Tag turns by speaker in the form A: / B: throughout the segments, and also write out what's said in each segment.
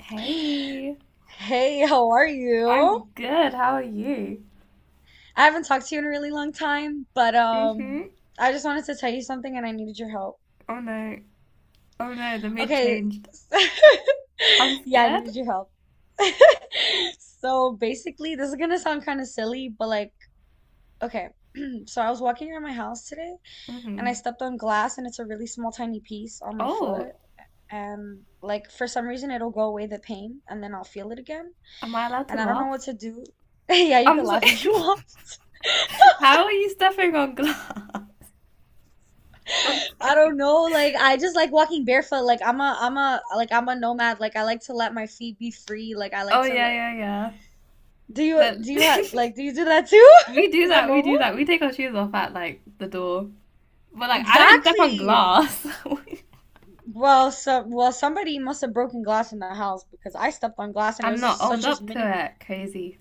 A: Hey,
B: Hey, how are
A: I'm
B: you?
A: good. How are you?
B: I haven't talked to you in a really long time, but
A: Mm-hmm.
B: I just wanted to tell you something and I needed your help.
A: Oh no. Oh no, the mood
B: Okay.
A: changed. I'm
B: Yeah, I
A: scared.
B: needed your help. So basically, this is gonna sound kind of silly, but like, okay. So I was walking around my house today and I
A: Mm-hmm.
B: stepped on glass and it's a really small tiny piece on my
A: Oh,
B: foot and like for some reason it'll go away the pain and then I'll feel it again
A: am I allowed to
B: and I don't know
A: laugh?
B: what to do. Yeah, you
A: I'm
B: can
A: so
B: laugh if you want.
A: How are you stepping on glass?
B: I don't know. Like I just like walking barefoot. Like I'm a like I'm a nomad. Like I like to let my feet be free. Like I like
A: Oh
B: to
A: yeah,
B: like
A: yeah, yeah.
B: do you
A: That
B: do you have like do you do that too?
A: we do
B: Is that
A: that, we
B: normal?
A: do that. We take our shoes off at like the door. But like I don't step on
B: Exactly.
A: glass.
B: Well, so well somebody must have broken glass in the house because I stepped on glass and it
A: I'm
B: was
A: not
B: just
A: owned
B: such a
A: up
B: mini
A: to it. Crazy.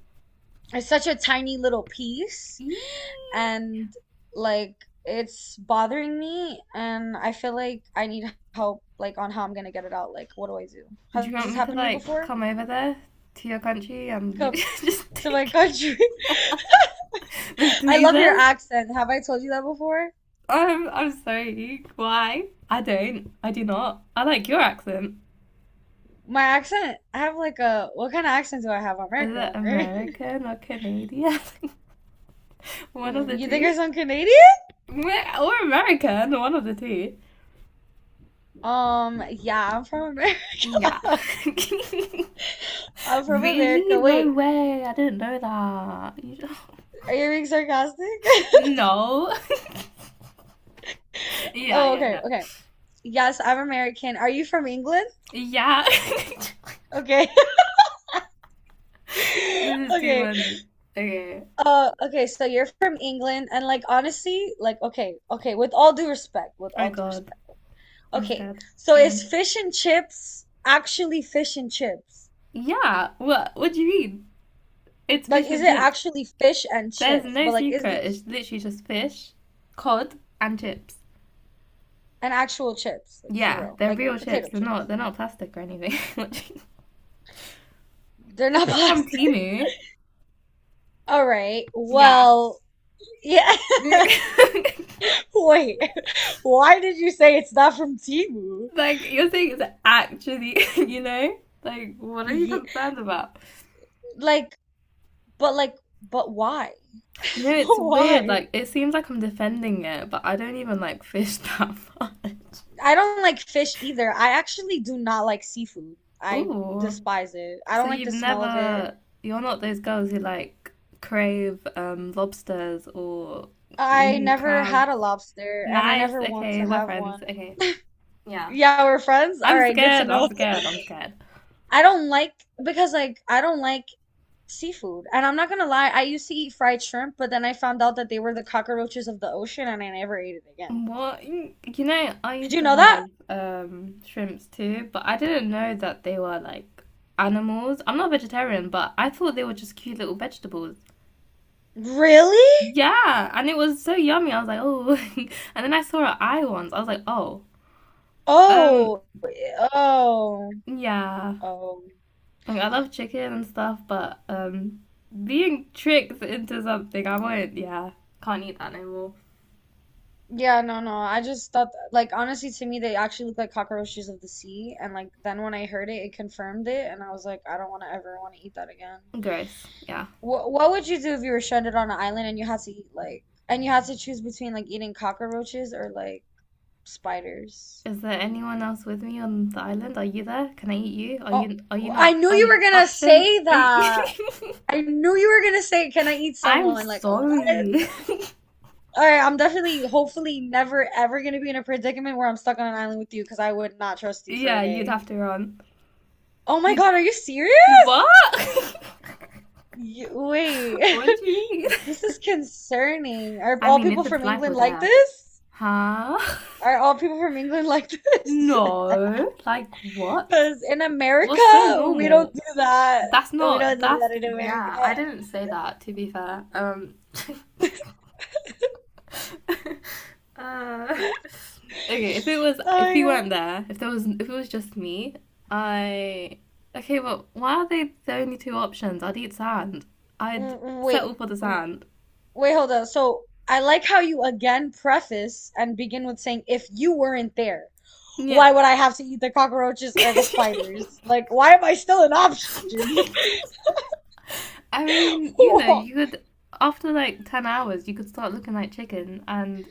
B: it's such a tiny little piece
A: Eee.
B: and like it's bothering me and I feel like I need help like on how I'm gonna get it out. Like what do I do?
A: Do
B: Has
A: you want
B: this
A: me to
B: happened to you
A: like
B: before?
A: come over there to your country and you
B: Come
A: just
B: to my
A: take it
B: country.
A: with
B: I love your
A: tweezers?
B: accent. Have I told you that before?
A: I'm sorry. Why? I don't. I do not. I like your accent.
B: My accent, I have like a, what kind of accent do I have?
A: Is
B: American
A: it
B: one, right?
A: American or Canadian? One of the
B: You think I
A: two.
B: sound Canadian?
A: Meh, or American, one of the two.
B: Yeah, I'm from America.
A: Yeah.
B: I'm from
A: Really?
B: America.
A: No
B: Wait,
A: way. I didn't know that.
B: are you being sarcastic?
A: No. Yeah,
B: Oh,
A: yeah,
B: okay,
A: yeah.
B: okay. Yes, I'm American. Are you from England?
A: Yeah.
B: Okay.
A: This is too
B: Okay.
A: funny. Okay.
B: Okay, so you're from England and like honestly, like okay, okay, with all due respect, with
A: Oh
B: all due
A: god.
B: respect.
A: I'm
B: Okay,
A: scared
B: so is
A: again.
B: fish and chips actually fish and chips?
A: Yeah, what? What do you mean? It's
B: Like,
A: fish
B: is
A: and
B: it
A: chips.
B: actually fish and
A: There's
B: chips?
A: no
B: But like, is
A: secret.
B: it
A: It's literally just fish, cod, and chips.
B: an actual chips? Like for
A: Yeah,
B: real,
A: they're
B: like
A: real chips.
B: potato chips.
A: They're not plastic or anything.
B: They're
A: It's
B: not
A: not from
B: plastic.
A: Timu.
B: All right.
A: Yeah.
B: Well, yeah.
A: Like
B: Wait, why did you say it's not from Temu?
A: you're saying, it's actually. You know. Like, what are you
B: Yeah,
A: concerned about?
B: like, like, but why?
A: You know, it's
B: But
A: weird.
B: why?
A: Like, it seems like I'm defending it, but I don't even like fish that much.
B: I don't like fish either. I actually do not like seafood. I
A: Ooh,
B: despise it. I
A: so
B: don't like
A: you've
B: the smell of it.
A: never, you're not those girls who like crave lobsters or
B: I
A: mm,
B: never
A: crabs.
B: had a lobster and I
A: Nice.
B: never want to
A: Okay, we're
B: have
A: friends.
B: one.
A: Okay. Yeah.
B: Yeah, we're friends? All
A: I'm
B: right, good to
A: scared.
B: know.
A: I'm scared. I'm scared.
B: I don't like because like I don't like seafood. And I'm not gonna lie, I used to eat fried shrimp, but then I found out that they were the cockroaches of the ocean and I never ate it again.
A: What? You know, I
B: Did
A: used
B: you
A: to
B: know that?
A: have shrimps too, but I didn't know that they were like animals. I'm not vegetarian, but I thought they were just cute little vegetables.
B: Really?
A: Yeah, and it was so yummy. I was like, oh, and then I saw an eye once. I was like, oh, um,
B: Oh, eh, oh,
A: yeah.
B: oh.
A: Like I love chicken and stuff, but being tricked into something, I won't. Yeah, can't eat that anymore.
B: Yeah, no, no. I just thought that, like honestly to me they actually look like cockroaches of the sea and like then when I heard it it confirmed it and I was like I don't want to ever want to eat that again.
A: Gross. Yeah.
B: What would you do if you were stranded on an island and you had to eat like and you had to choose between like eating cockroaches or like spiders?
A: Is there anyone else with me on the island? Are you there? Can I eat you? Are
B: Oh,
A: you are you
B: I
A: not
B: knew you were
A: an
B: gonna
A: option?
B: say
A: you-
B: that. I knew you were gonna say, "Can I eat
A: I'm
B: someone?" Like, what?
A: sorry.
B: All right, I'm definitely, hopefully, never ever gonna be in a predicament where I'm stuck on an island with you because I would not trust you for a
A: Yeah, you'd
B: day.
A: have to run.
B: Oh my
A: You
B: God, are you serious?
A: what?
B: You, wait,
A: What do you mean?
B: this is concerning. Are
A: I
B: all
A: mean,
B: people
A: if it's
B: from
A: life or
B: England like
A: death.
B: this?
A: Huh?
B: Are all people from England like this?
A: No. Like what?
B: Because in
A: What's so
B: America, we don't
A: normal?
B: do that.
A: That's
B: We don't
A: not
B: do
A: that's
B: that in
A: yeah,
B: America.
A: I didn't say that to be fair. Uh, okay, if it
B: Oh
A: was if
B: my
A: he weren't
B: God.
A: there, if it was just me, I okay, well why are they the only two options? I'd eat sand. I'd
B: Mm, mm,
A: settle
B: wait,
A: for the sand.
B: wait, hold on. So I like how you again preface and begin with saying, if you weren't there,
A: Yeah.
B: why would I have to eat the cockroaches or the spiders? Like, why am I still an option?
A: I mean, you know,
B: Whoa.
A: you could after like 10 hours you could start looking like chicken and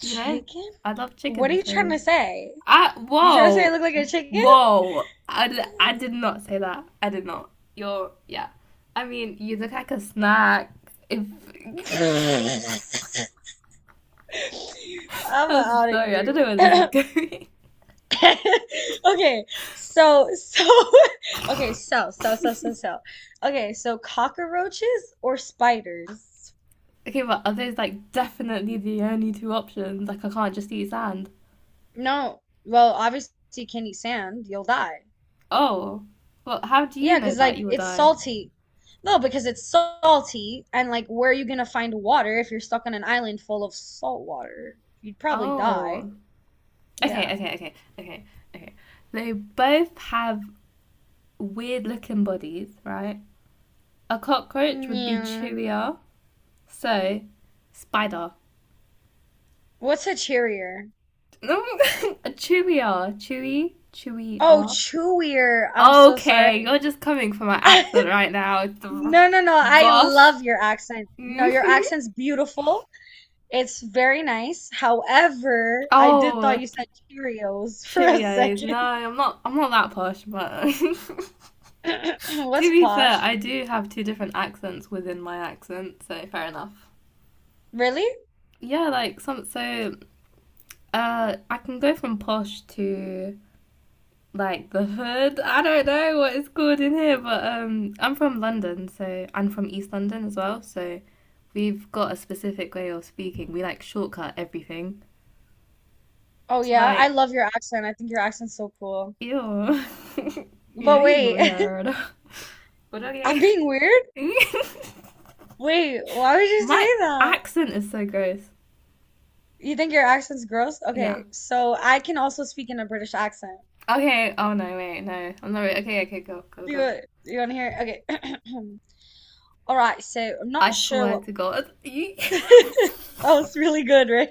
A: you know, I love
B: What are
A: chicken
B: you trying
A: so
B: to say?
A: I
B: You trying to say I look
A: whoa.
B: like a chicken?
A: I did not say that. I did not you're yeah, I mean you look like a snack if
B: I'm
A: I'm
B: out of
A: sorry I
B: here.
A: don't know where this is going.
B: Okay, so okay, so. Okay, so cockroaches or spiders?
A: Okay, but are those like definitely the only two options? Like I can't just eat sand?
B: No. Well, obviously you can't eat sand, you'll die.
A: Oh, well how do you
B: Yeah,
A: know
B: because
A: that
B: like
A: you will
B: it's
A: die?
B: salty. No, because it's salty and like where are you gonna find water if you're stuck on an island full of salt water? You'd probably die.
A: Oh,
B: Yeah.
A: okay okay okay okay okay, they both have weird looking bodies, right? A cockroach would be
B: Yeah.
A: chewier. So, spider.
B: What's a cheerier?
A: No. A chewier. Chewy?
B: Oh,
A: Chewier.
B: chewier. I'm so
A: Okay,
B: sorry.
A: you're just coming for my accent right now.
B: No, no, no. I
A: Gosh.
B: love your accent. No,
A: Hmm.
B: your accent's beautiful. It's very nice. However, I did
A: Oh,
B: thought you said Cheerios for a
A: Cheerios. No,
B: second.
A: I'm not. I'm not that posh, but
B: What's
A: to be fair,
B: posh?
A: I do have two different accents within my accent, so fair enough.
B: Really?
A: Yeah, like some. So, I can go from posh to like the hood. I don't know what it's called in here, but I'm from London, so I'm from East London as well. So we've got a specific way of speaking. We like shortcut everything.
B: Oh
A: So
B: yeah, I
A: like,
B: love your accent. I think your accent's so cool.
A: ew,
B: But
A: you're
B: wait,
A: weird. But
B: I'm
A: okay,
B: being weird? Wait, why would you
A: my
B: say that?
A: accent is so gross.
B: You think your accent's gross?
A: Yeah.
B: Okay, so I can also speak in a British accent.
A: Okay. Oh no, wait, no, I'm not. Okay, okay, go, go,
B: Do
A: go.
B: you, you want to hear? It? Okay. All right, so I'm
A: I
B: not sure
A: swear
B: what
A: to God,
B: that was really good, right?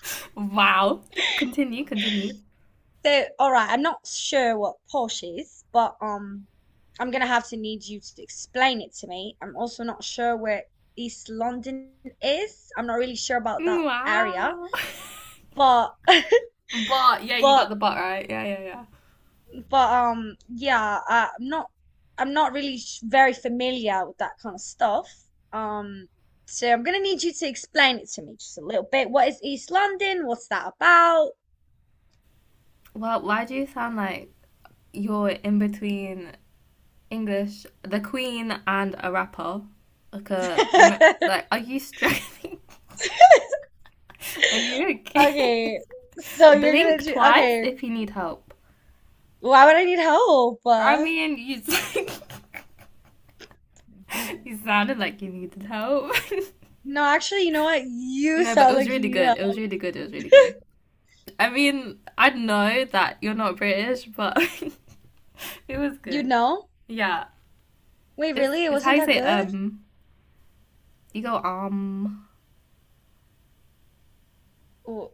A: wow. Continue, continue.
B: So, all right, I'm not sure what posh is, but I'm gonna have to need you to explain it to me. I'm also not sure where East London is. I'm not really sure about that area,
A: Wow.
B: but
A: But yeah, you got the
B: but
A: but right. Yeah, yeah, yeah.
B: but, yeah, I'm not really s- very familiar with that kind of stuff. Um, so I'm gonna need you to explain it to me just a little bit. What is East London? What's that about?
A: Well, why do you sound like you're in between English, the Queen, and a rapper? Like a, like, are you struggling? Are you okay?
B: Okay, so you're gonna
A: Blink
B: do,
A: twice
B: okay.
A: if you need help.
B: Why would I need help?
A: I mean, you you sounded like you needed help.
B: No, actually, you know what? You
A: No, but it
B: sound
A: was
B: like you
A: really
B: need
A: good.
B: help.
A: It was really good. It was really good. I mean, I know that you're not British, but it was
B: You
A: good.
B: know?
A: Yeah,
B: Wait,
A: it's
B: really? It
A: it's how
B: wasn't
A: you
B: that
A: say
B: good?
A: um. You go,
B: W-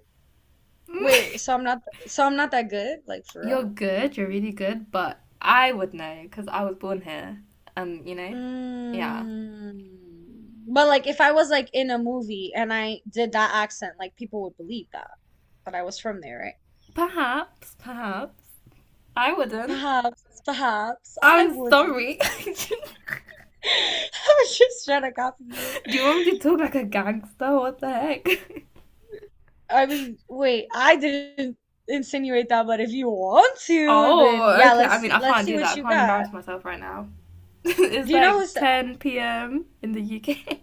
B: wait, so I'm not that good? Like for
A: you're
B: real?
A: good, you're really good, but I would know because I was born here. And, you know, yeah.
B: Mm. But like, if I was like in a movie and I did that accent, like people would believe that I was from there, right?
A: Perhaps, perhaps, I wouldn't.
B: Perhaps, perhaps I
A: I'm
B: wouldn't.
A: sorry. Do
B: I was just trying to copy you.
A: you want me to talk like a gangster? What the heck?
B: I mean, wait, I didn't insinuate that, but if you want to, then
A: Oh,
B: yeah,
A: okay. I mean, I
B: let's
A: can't
B: see
A: do
B: what
A: that. I
B: you
A: can't
B: got.
A: embarrass myself right now. It's
B: Do you know
A: like
B: who's
A: 10 p.m. in the UK.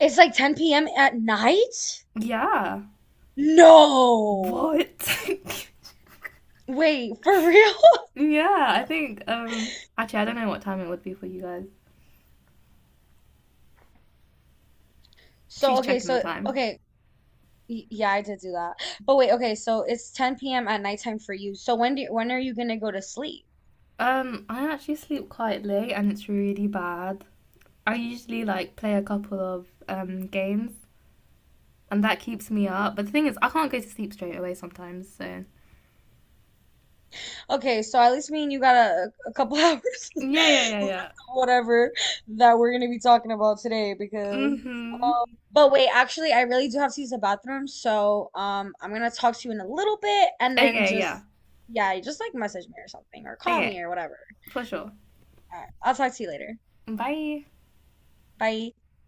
B: it's like 10 p.m. at night?
A: Yeah.
B: No.
A: What?
B: Wait, for real?
A: Yeah, I think actually I don't know what time it would be for you guys.
B: So,
A: She's
B: okay,
A: checking the
B: so
A: time.
B: okay, y- yeah, I did do that. But wait, okay, so it's 10 p.m. at nighttime for you. So when are you gonna go to sleep?
A: I actually sleep quite late and it's really bad. I usually like play a couple of games and that keeps me up. But the thing is, I can't go to sleep straight away sometimes. So
B: Okay, so at least me and you got a couple hours left
A: yeah, yeah, yeah,
B: of
A: yeah.
B: whatever that we're gonna be talking about today because
A: Mhm.
B: but wait, actually I really do have to use the bathroom, so I'm gonna talk to you in a little bit and then
A: Okay, yeah.
B: just yeah, just like message me or something or call
A: Okay,
B: me or whatever.
A: for sure.
B: All right, I'll talk to you later.
A: Bye.
B: Bye.